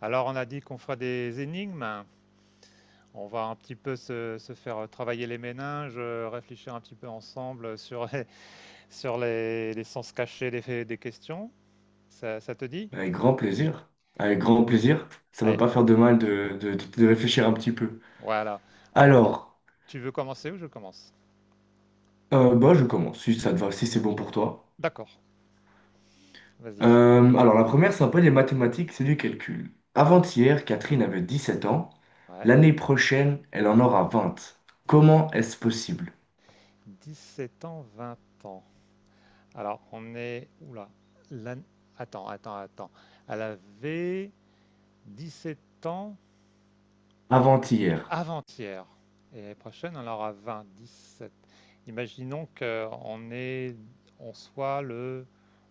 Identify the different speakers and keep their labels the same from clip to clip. Speaker 1: Alors, on a dit qu'on fera des énigmes. On va un petit peu se faire travailler les méninges, réfléchir un petit peu ensemble sur sur les sens cachés des questions. Ça te dit?
Speaker 2: Avec grand plaisir. Avec grand plaisir. Ça ne va
Speaker 1: Allez,
Speaker 2: pas faire de mal de réfléchir un petit peu.
Speaker 1: voilà. Alors, on-
Speaker 2: Alors,
Speaker 1: Tu veux commencer ou je commence?
Speaker 2: bah, je commence, si ça te va, si c'est bon pour toi.
Speaker 1: D'accord, vas-y.
Speaker 2: Alors, la première, c'est un peu des mathématiques, c'est du calcul.
Speaker 1: Ah,
Speaker 2: Avant-hier, Catherine avait 17 ans.
Speaker 1: ouais.
Speaker 2: L'année prochaine, elle en aura vingt. Comment est-ce possible?
Speaker 1: 17 ans, 20 ans. Alors, on est... Oula. l'an- Attends, attends, attends. Elle avait 17 ans.
Speaker 2: Avant-hier.
Speaker 1: Avant-hier. Et l'année prochaine, on en aura 20, 17. Imaginons qu'on est, on soit le,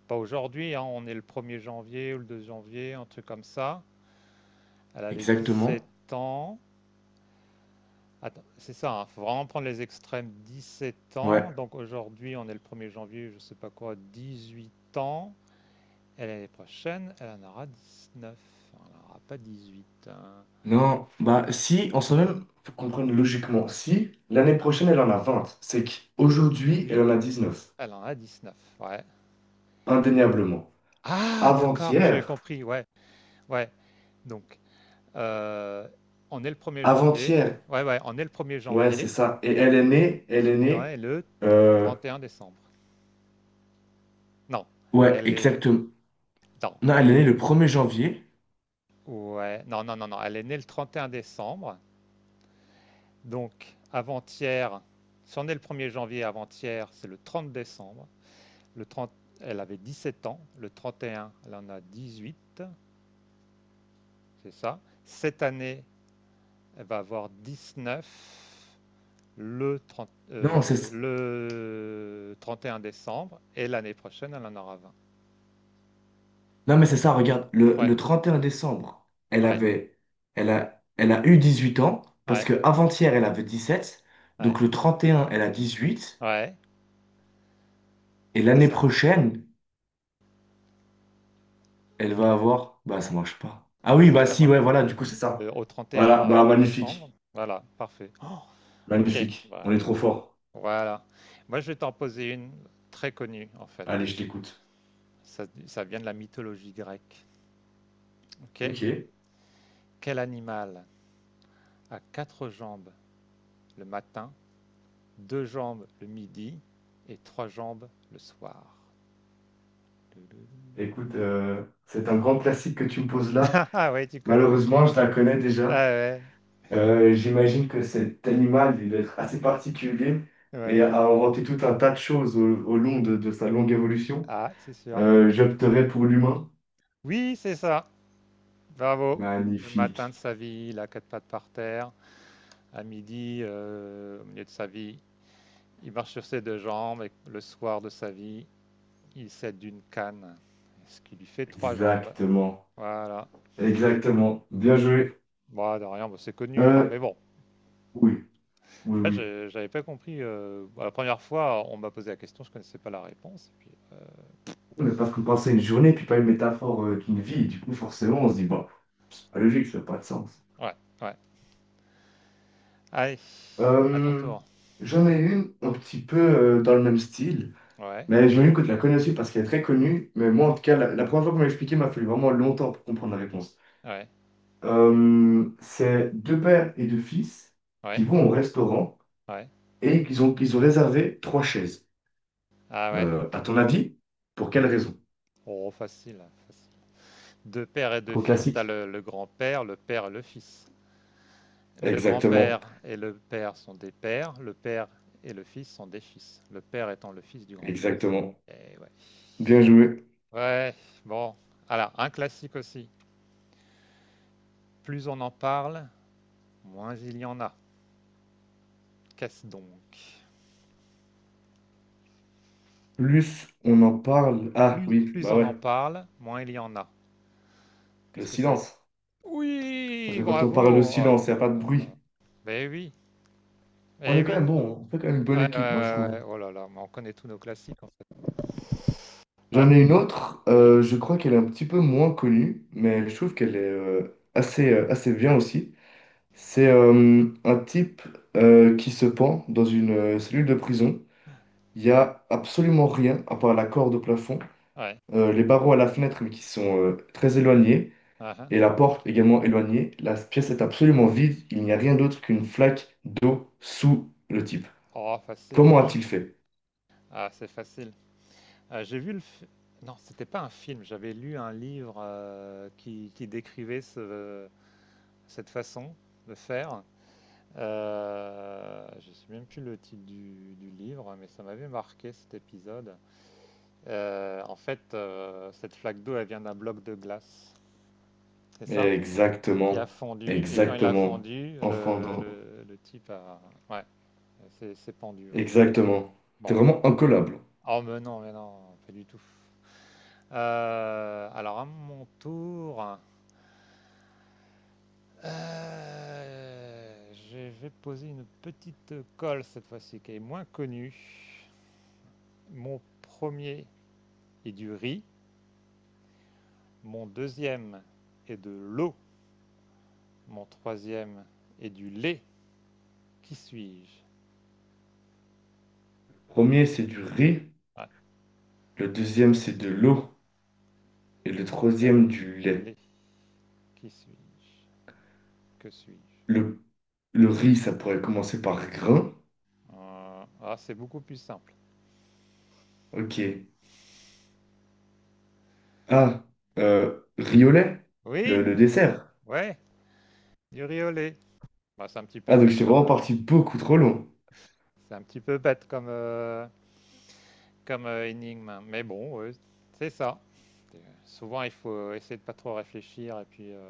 Speaker 1: pas aujourd'hui, hein, on est le 1er janvier ou le 2 janvier, un truc comme ça. Elle avait
Speaker 2: Exactement.
Speaker 1: 17 ans. Attends, c'est ça, il hein, faut vraiment prendre les extrêmes. 17
Speaker 2: Ouais.
Speaker 1: ans, donc aujourd'hui, on est le 1er janvier, je sais pas quoi, 18 ans. Et l'année prochaine, elle en aura 19. Elle n'en aura pas 18, hein.
Speaker 2: Non, bah si, en soi-même, faut comprendre logiquement. Si l'année prochaine, elle en a vingt, c'est qu'aujourd'hui, elle en
Speaker 1: Oui,
Speaker 2: a 19.
Speaker 1: elle en a 19, ouais. Et
Speaker 2: Indéniablement.
Speaker 1: Ah, d'accord, j'ai
Speaker 2: Avant-hier,
Speaker 1: compris, ouais, ouais. Donc, heu, on est le 1er janvier.
Speaker 2: avant-hier,
Speaker 1: Ouais, ouais, on est le premier er
Speaker 2: ouais, c'est
Speaker 1: janvier,
Speaker 2: ça. Et elle est née, elle est
Speaker 1: 18 ans
Speaker 2: née,
Speaker 1: et le
Speaker 2: euh,
Speaker 1: 31 décembre. Non,
Speaker 2: ouais,
Speaker 1: elle est
Speaker 2: exactement.
Speaker 1: non,
Speaker 2: Non, elle est née
Speaker 1: elle
Speaker 2: le premier janvier.
Speaker 1: ouais, non, non, non, non, elle est née le 31 décembre, donc avant-hier, si on est le 1er janvier, avant-hier, c'est le 30 décembre. Le trente, elle avait 17 ans, le 31 elle en a 18. C'est ça. Cette année, elle va avoir 19 le, 30
Speaker 2: Non,
Speaker 1: euh,
Speaker 2: c'est,
Speaker 1: le 31 décembre et l'année prochaine, elle en aura 20.
Speaker 2: non, mais c'est ça, regarde, le,
Speaker 1: Ouais,
Speaker 2: le 31 décembre,
Speaker 1: ouais,
Speaker 2: elle a, elle a eu 18 ans, parce
Speaker 1: ouais,
Speaker 2: que avant-hier, elle avait 17.
Speaker 1: ouais,
Speaker 2: Donc le 31, elle a 18.
Speaker 1: ouais,
Speaker 2: Et
Speaker 1: c'est
Speaker 2: l'année
Speaker 1: ça.
Speaker 2: prochaine, elle
Speaker 1: Et
Speaker 2: va
Speaker 1: l'année prochaine.
Speaker 2: avoir, bah, ça marche pas. Ah
Speaker 1: Ben,
Speaker 2: oui,
Speaker 1: si
Speaker 2: bah
Speaker 1: ça
Speaker 2: si, ouais,
Speaker 1: marche,
Speaker 2: voilà, du coup, c'est
Speaker 1: si,
Speaker 2: ça.
Speaker 1: au
Speaker 2: Voilà,
Speaker 1: 31
Speaker 2: bah,
Speaker 1: décembre,
Speaker 2: magnifique,
Speaker 1: voilà, parfait. Oh, ok,
Speaker 2: magnifique, on
Speaker 1: voilà.
Speaker 2: est trop fort.
Speaker 1: Voilà. Moi, je vais t'en poser une très connue, en fait.
Speaker 2: Allez, je t'écoute.
Speaker 1: Ça vient de la mythologie grecque. Ok.
Speaker 2: Ok.
Speaker 1: Quel animal a quatre jambes le matin, deux jambes le midi et trois jambes le soir? Doudou.
Speaker 2: Écoute, c'est un grand classique que tu me poses là.
Speaker 1: Ah ouais, tu connais.
Speaker 2: Malheureusement, je la connais déjà.
Speaker 1: Ah ouais,
Speaker 2: J'imagine que cet animal, il doit être assez particulier et
Speaker 1: ouais.
Speaker 2: a inventé tout un tas de choses au, au long de sa longue évolution.
Speaker 1: Ah, c'est sûr.
Speaker 2: J'opterais pour l'humain.
Speaker 1: Oui, c'est ça. Bravo. Le matin de
Speaker 2: Magnifique.
Speaker 1: sa vie, il a quatre pattes par terre. À midi, au milieu de sa vie, il marche sur ses deux jambes. Et le soir de sa vie, il s'aide d'une canne, ce qui lui fait trois jambes.
Speaker 2: Exactement.
Speaker 1: Voilà.
Speaker 2: Exactement. Bien joué.
Speaker 1: Bon, de rien, bon, c'est connu, hein,
Speaker 2: Euh,
Speaker 1: mais bon.
Speaker 2: oui, oui,
Speaker 1: Moi,
Speaker 2: oui.
Speaker 1: j'avais pas compris. Bon, la première fois, on m'a posé la question, je connaissais pas la réponse.
Speaker 2: Mais parce qu'on pensait une journée, puis pas une métaphore d'une vie. Du coup, forcément, on se dit, bon, c'est pas logique, ça n'a pas de sens.
Speaker 1: Ouais, ouais. Allez, à ton
Speaker 2: Euh,
Speaker 1: tour.
Speaker 2: J'en ai une un petit peu dans le même style,
Speaker 1: Ouais,
Speaker 2: mais j'imagine que tu la connais aussi parce qu'elle est très connue. Mais moi, en tout cas, la première fois qu'on m'a expliqué, il m'a fallu vraiment longtemps pour comprendre la réponse.
Speaker 1: ouais,
Speaker 2: C'est deux pères et deux fils qui
Speaker 1: ouais,
Speaker 2: vont au restaurant
Speaker 1: ouais.
Speaker 2: et qu'ils ont réservé trois chaises.
Speaker 1: Ah ouais?
Speaker 2: À ton avis, pour quelle raison?
Speaker 1: Oh, facile, hein, facile. Deux pères et deux
Speaker 2: Trop
Speaker 1: fils. T'as
Speaker 2: classique.
Speaker 1: le grand-père, le père et le fils. Le
Speaker 2: Exactement,
Speaker 1: grand-père et le père sont des pères. Le père et le fils sont des fils. Le père étant le fils du grand-père.
Speaker 2: exactement.
Speaker 1: Et ouais.
Speaker 2: Bien joué.
Speaker 1: Ouais, bon. Alors, un classique aussi. Plus on en parle, moins il y en a. Qu'est-ce donc?
Speaker 2: Plus on en parle. Ah
Speaker 1: Plus,
Speaker 2: oui,
Speaker 1: plus
Speaker 2: bah
Speaker 1: on en
Speaker 2: ouais,
Speaker 1: parle, moins il y en a.
Speaker 2: le
Speaker 1: Qu'est-ce que c'est?
Speaker 2: silence. Parce
Speaker 1: Oui,
Speaker 2: que quand on
Speaker 1: bravo!
Speaker 2: parle de
Speaker 1: Oh
Speaker 2: silence, il n'y a
Speaker 1: là
Speaker 2: pas de
Speaker 1: là là.
Speaker 2: bruit.
Speaker 1: Ben oui,
Speaker 2: On
Speaker 1: eh
Speaker 2: est quand
Speaker 1: oui.
Speaker 2: même bon, on fait quand même une bonne
Speaker 1: Ouais, ouais,
Speaker 2: équipe, moi je
Speaker 1: ouais,
Speaker 2: trouve.
Speaker 1: ouais. Oh là là, mais on connaît tous nos classiques, en fait. Ouais,
Speaker 2: J'en ai une autre,
Speaker 1: oui,
Speaker 2: je crois qu'elle est un petit peu moins connue, mais
Speaker 1: oui,
Speaker 2: je trouve qu'elle est assez, assez bien aussi. C'est un type qui se pend dans une cellule de prison. Il n'y
Speaker 1: ouais,
Speaker 2: a absolument rien à part la corde au plafond,
Speaker 1: ouais.
Speaker 2: les barreaux à la fenêtre mais qui sont très éloignés,
Speaker 1: Ah, ah.
Speaker 2: et la porte également éloignée. La pièce est absolument vide, il n'y a rien d'autre qu'une flaque d'eau sous le type.
Speaker 1: Oh, facile.
Speaker 2: Comment a-t-il fait?
Speaker 1: Ah, c'est facile. J'ai vu le. Fi- Non, c'était pas un film. J'avais lu un livre qui décrivait cette façon de faire. Je sais même plus le titre du livre, mais ça m'avait marqué cet épisode. En fait, cette flaque d'eau, elle vient d'un bloc de glace. C'est ça? Qui a
Speaker 2: Exactement.
Speaker 1: fondu, et quand il a
Speaker 2: Exactement.
Speaker 1: fondu,
Speaker 2: Enfant
Speaker 1: le,
Speaker 2: d'en-
Speaker 1: le, le type a... Ouais, c'est pendu, ouais.
Speaker 2: Exactement. C'est
Speaker 1: Bon.
Speaker 2: vraiment incollable.
Speaker 1: Oh, mais non, pas du tout. Alors, à mon tour, je vais poser une petite colle cette fois-ci, qui est moins connue. Mon premier est du riz, mon deuxième est de l'eau, mon troisième est du lait. Qui suis-je?
Speaker 2: Le premier, c'est du riz.
Speaker 1: Ah,
Speaker 2: Le
Speaker 1: le
Speaker 2: deuxième,
Speaker 1: deuxième,
Speaker 2: c'est
Speaker 1: c'est
Speaker 2: de
Speaker 1: de l'eau,
Speaker 2: l'eau. Et le
Speaker 1: le deuxième
Speaker 2: troisième,
Speaker 1: est
Speaker 2: du
Speaker 1: de
Speaker 2: lait.
Speaker 1: lait. Qui suis-je? Que suis-je?
Speaker 2: Le, le riz, ça pourrait commencer par grain.
Speaker 1: Ah, c'est beaucoup plus simple.
Speaker 2: Ok. Ah, riz au lait, le,
Speaker 1: Oui,
Speaker 2: le dessert.
Speaker 1: ouais, du riolet. Bah,
Speaker 2: Ah, donc j'étais vraiment parti beaucoup trop long.
Speaker 1: c'est un petit peu bête comme, énigme, hein. Mais bon, ouais, c'est ça. Euh, Souvent, il faut essayer de pas trop réfléchir et puis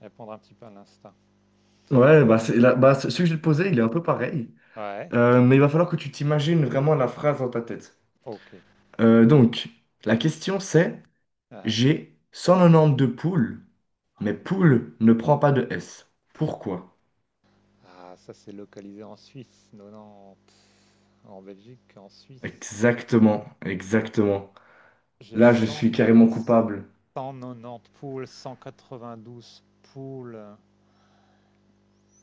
Speaker 1: répondre un petit peu à l'instinct.
Speaker 2: Ouais, bah, bah, ce que je vais te posé, il est un peu pareil.
Speaker 1: Ouais,
Speaker 2: Mais il va falloir que tu t'imagines vraiment la phrase dans ta tête.
Speaker 1: ok.
Speaker 2: Donc, la question, c'est...
Speaker 1: Hein.
Speaker 2: J'ai 192 poules, mais poule ne prend pas de S. Pourquoi?
Speaker 1: Ah, ça c'est localisé en Suisse, non, non, pff, en Belgique, en Suisse.
Speaker 2: Exactement, exactement.
Speaker 1: J'ai
Speaker 2: Là, je suis carrément coupable.
Speaker 1: 100 190 poules, 192 poules.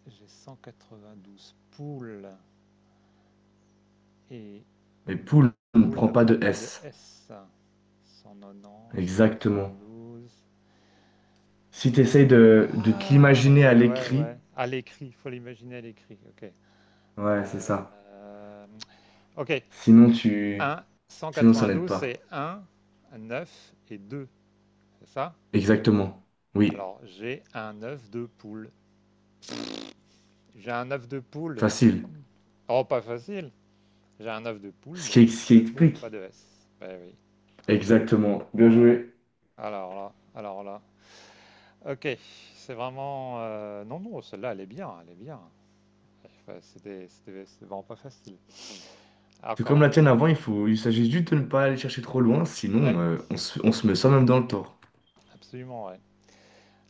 Speaker 1: J'ai 192 poules et
Speaker 2: Et poule ne
Speaker 1: poule
Speaker 2: prend
Speaker 1: ne
Speaker 2: pas
Speaker 1: prend
Speaker 2: de
Speaker 1: pas de
Speaker 2: S.
Speaker 1: S. 190,
Speaker 2: Exactement.
Speaker 1: 192,
Speaker 2: Si tu
Speaker 1: 1,
Speaker 2: essayes
Speaker 1: 9,
Speaker 2: de te
Speaker 1: ah,
Speaker 2: l'imaginer à
Speaker 1: ouais, ouais,
Speaker 2: l'écrit,
Speaker 1: ouais. À l'écrit, il faut l'imaginer à l'écrit. Ok.
Speaker 2: ouais, c'est ça.
Speaker 1: Euh, ok,
Speaker 2: Sinon, tu...
Speaker 1: 1,
Speaker 2: Sinon, ça n'aide
Speaker 1: 192, c'est
Speaker 2: pas.
Speaker 1: un 9 et deux. C'est ça.
Speaker 2: Exactement. Oui,
Speaker 1: Alors, j'ai un œuf de poule. J'ai un œuf de poule.
Speaker 2: facile.
Speaker 1: Oh, pas facile. J'ai un œuf de poule,
Speaker 2: Ce
Speaker 1: donc
Speaker 2: qui, ce qui
Speaker 1: c'est poule, pas
Speaker 2: explique.
Speaker 1: de S. Ben oui.
Speaker 2: Exactement. Bien
Speaker 1: Oh,
Speaker 2: joué.
Speaker 1: alors là, alors là. Ok, c'est vraiment... Non, non, celle-là, elle est bien, elle est bien. Enfin, C'était vraiment pas facile. Ah,
Speaker 2: C'est comme
Speaker 1: encore
Speaker 2: la
Speaker 1: une.
Speaker 2: tienne avant, il faut, il s'agit juste de ne pas aller chercher trop loin, sinon
Speaker 1: Ouais,
Speaker 2: on se met soi-même dans le tort.
Speaker 1: absolument, ouais.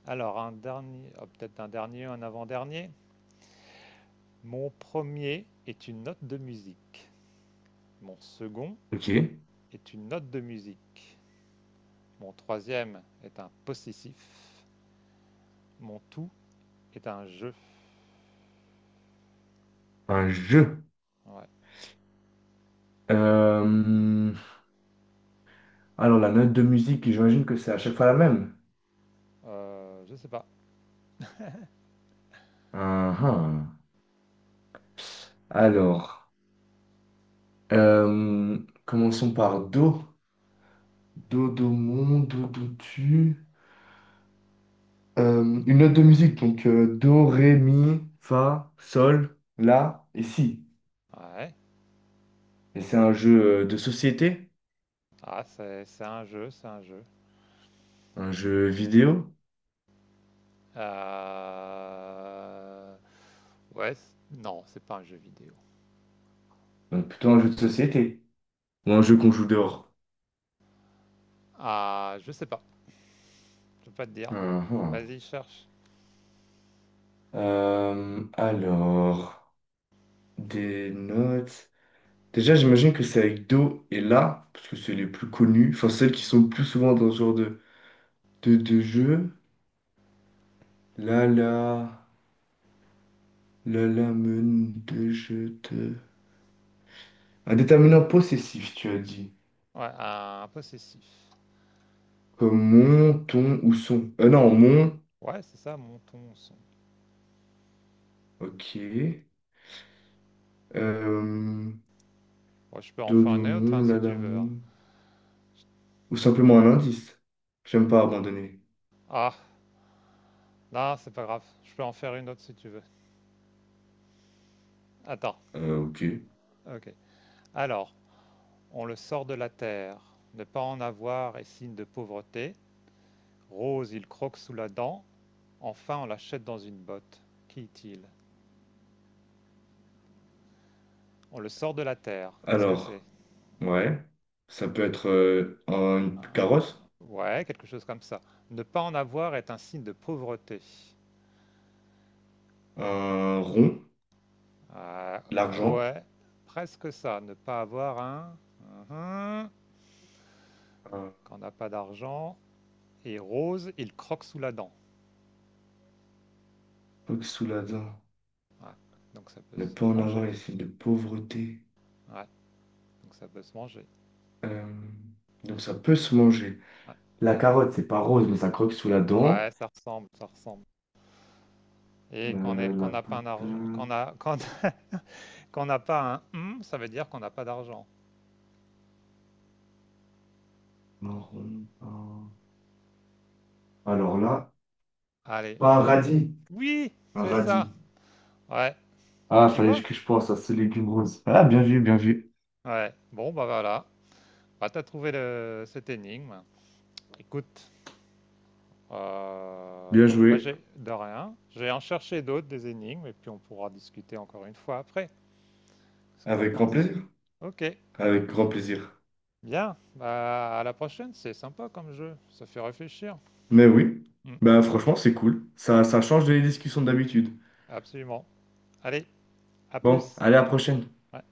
Speaker 1: Alors, un dernier, ah, peut-être un dernier, un avant-dernier. Mon premier est une note de musique. Mon second
Speaker 2: Ok,
Speaker 1: est une note de musique. Mon troisième est un possessif. Mon tout est un jeu.
Speaker 2: un jeu.
Speaker 1: Ouais.
Speaker 2: Euh, alors, la note de musique, j'imagine que c'est à chaque fois la même.
Speaker 1: Je sais pas.
Speaker 2: Ah, ah. Alors, euh, commençons par Do. Do, Do, mon, Do, Do, tu. Une note de musique, donc Do, Ré, Mi, Fa, Sol, La et Si.
Speaker 1: Ouais.
Speaker 2: Et c'est un jeu de société,
Speaker 1: Ah, c'est un jeu, c'est un jeu.
Speaker 2: un jeu vidéo,
Speaker 1: Euh, Ouais, non, c'est pas un jeu vidéo.
Speaker 2: donc plutôt un jeu de société, ou un jeu qu'on joue dehors.
Speaker 1: Ah, je sais pas, je peux pas te dire.
Speaker 2: Ah, ah.
Speaker 1: Vas-y, cherche.
Speaker 2: Alors. Des notes. Déjà, j'imagine que c'est avec Do et La, parce que c'est les plus connus, enfin celles qui
Speaker 1: Mhm.
Speaker 2: sont le plus souvent dans ce genre de jeu. La la, la la men de je te. Un déterminant possessif, tu as dit.
Speaker 1: Ouais, un possessif.
Speaker 2: Comme mon, ton ou son. Non, mon,
Speaker 1: Ouais, c'est ça, monton son.
Speaker 2: ok. Euh,
Speaker 1: Ouais, je peux en
Speaker 2: Do,
Speaker 1: faire
Speaker 2: do,
Speaker 1: une autre, hein,
Speaker 2: mon, la
Speaker 1: si
Speaker 2: la
Speaker 1: tu veux, hein.
Speaker 2: mon. Ou simplement un indice. J'aime pas abandonner.
Speaker 1: Ah, non, c'est pas grave. Je peux en faire une autre si tu veux. Attends,
Speaker 2: Ok.
Speaker 1: ok. Alors, on le sort de la terre. Ne pas en avoir est signe de pauvreté. Rose, il croque sous la dent. Enfin, on l'achète dans une botte. Qui est-il? On le sort de la terre. Qu'est-ce que c'est?
Speaker 2: Alors, ouais. Ça peut être une
Speaker 1: Euh,
Speaker 2: carotte.
Speaker 1: Ouais, quelque chose comme ça. Ne pas en avoir est un signe de pauvreté.
Speaker 2: Un rond,
Speaker 1: Ah,
Speaker 2: l'argent,
Speaker 1: ouais, presque ça. Ne pas avoir un. Mhm.
Speaker 2: un
Speaker 1: Quand on n'a pas d'argent. Et Rose, il croque sous la dent.
Speaker 2: truc sous la dent,
Speaker 1: Ouais. Donc ça peut
Speaker 2: ne
Speaker 1: se
Speaker 2: pas en avoir
Speaker 1: manger.
Speaker 2: les signes de pauvreté.
Speaker 1: Ouais, donc ça peut se manger.
Speaker 2: Euh, donc ça peut se manger.
Speaker 1: Ouais,
Speaker 2: La carotte, c'est pas rose, mais ça croque sous la
Speaker 1: ouais,
Speaker 2: dent.
Speaker 1: ça ressemble, ça ressemble. Et quand on
Speaker 2: La
Speaker 1: n'a pas un argent, quand
Speaker 2: patate,
Speaker 1: a, quand, quand n'a pas un ça veut dire qu'on n'a pas d'argent.
Speaker 2: marron, pain. Alors là,
Speaker 1: Allez,
Speaker 2: pas un
Speaker 1: un
Speaker 2: radis.
Speaker 1: oui,
Speaker 2: Un
Speaker 1: c'est
Speaker 2: radis.
Speaker 1: ça. Ouais, ah,
Speaker 2: Ah,
Speaker 1: tu
Speaker 2: fallait
Speaker 1: vois.
Speaker 2: que je pense à ce légume rose. Ah, bien vu, bien vu.
Speaker 1: Ouais, bon, bah voilà. Bah, t'as trouvé le... cette énigme. Écoute, euh,
Speaker 2: Bien
Speaker 1: moi
Speaker 2: joué.
Speaker 1: j'ai de rien. Je vais en chercher d'autres, des énigmes, et puis on pourra discuter encore une fois après. Qu'est-ce que t'en
Speaker 2: Avec grand
Speaker 1: penses?
Speaker 2: plaisir.
Speaker 1: Ok,
Speaker 2: Avec grand plaisir.
Speaker 1: bien. Bah, à la prochaine, c'est sympa comme jeu. Ça fait réfléchir.
Speaker 2: Mais oui,
Speaker 1: Mm.
Speaker 2: bah franchement, c'est cool. Ça,
Speaker 1: Ouais,
Speaker 2: ça change des discussions d'habitude.
Speaker 1: absolument. Allez, à
Speaker 2: Bon,
Speaker 1: plus.
Speaker 2: allez, à la prochaine.
Speaker 1: Ouais.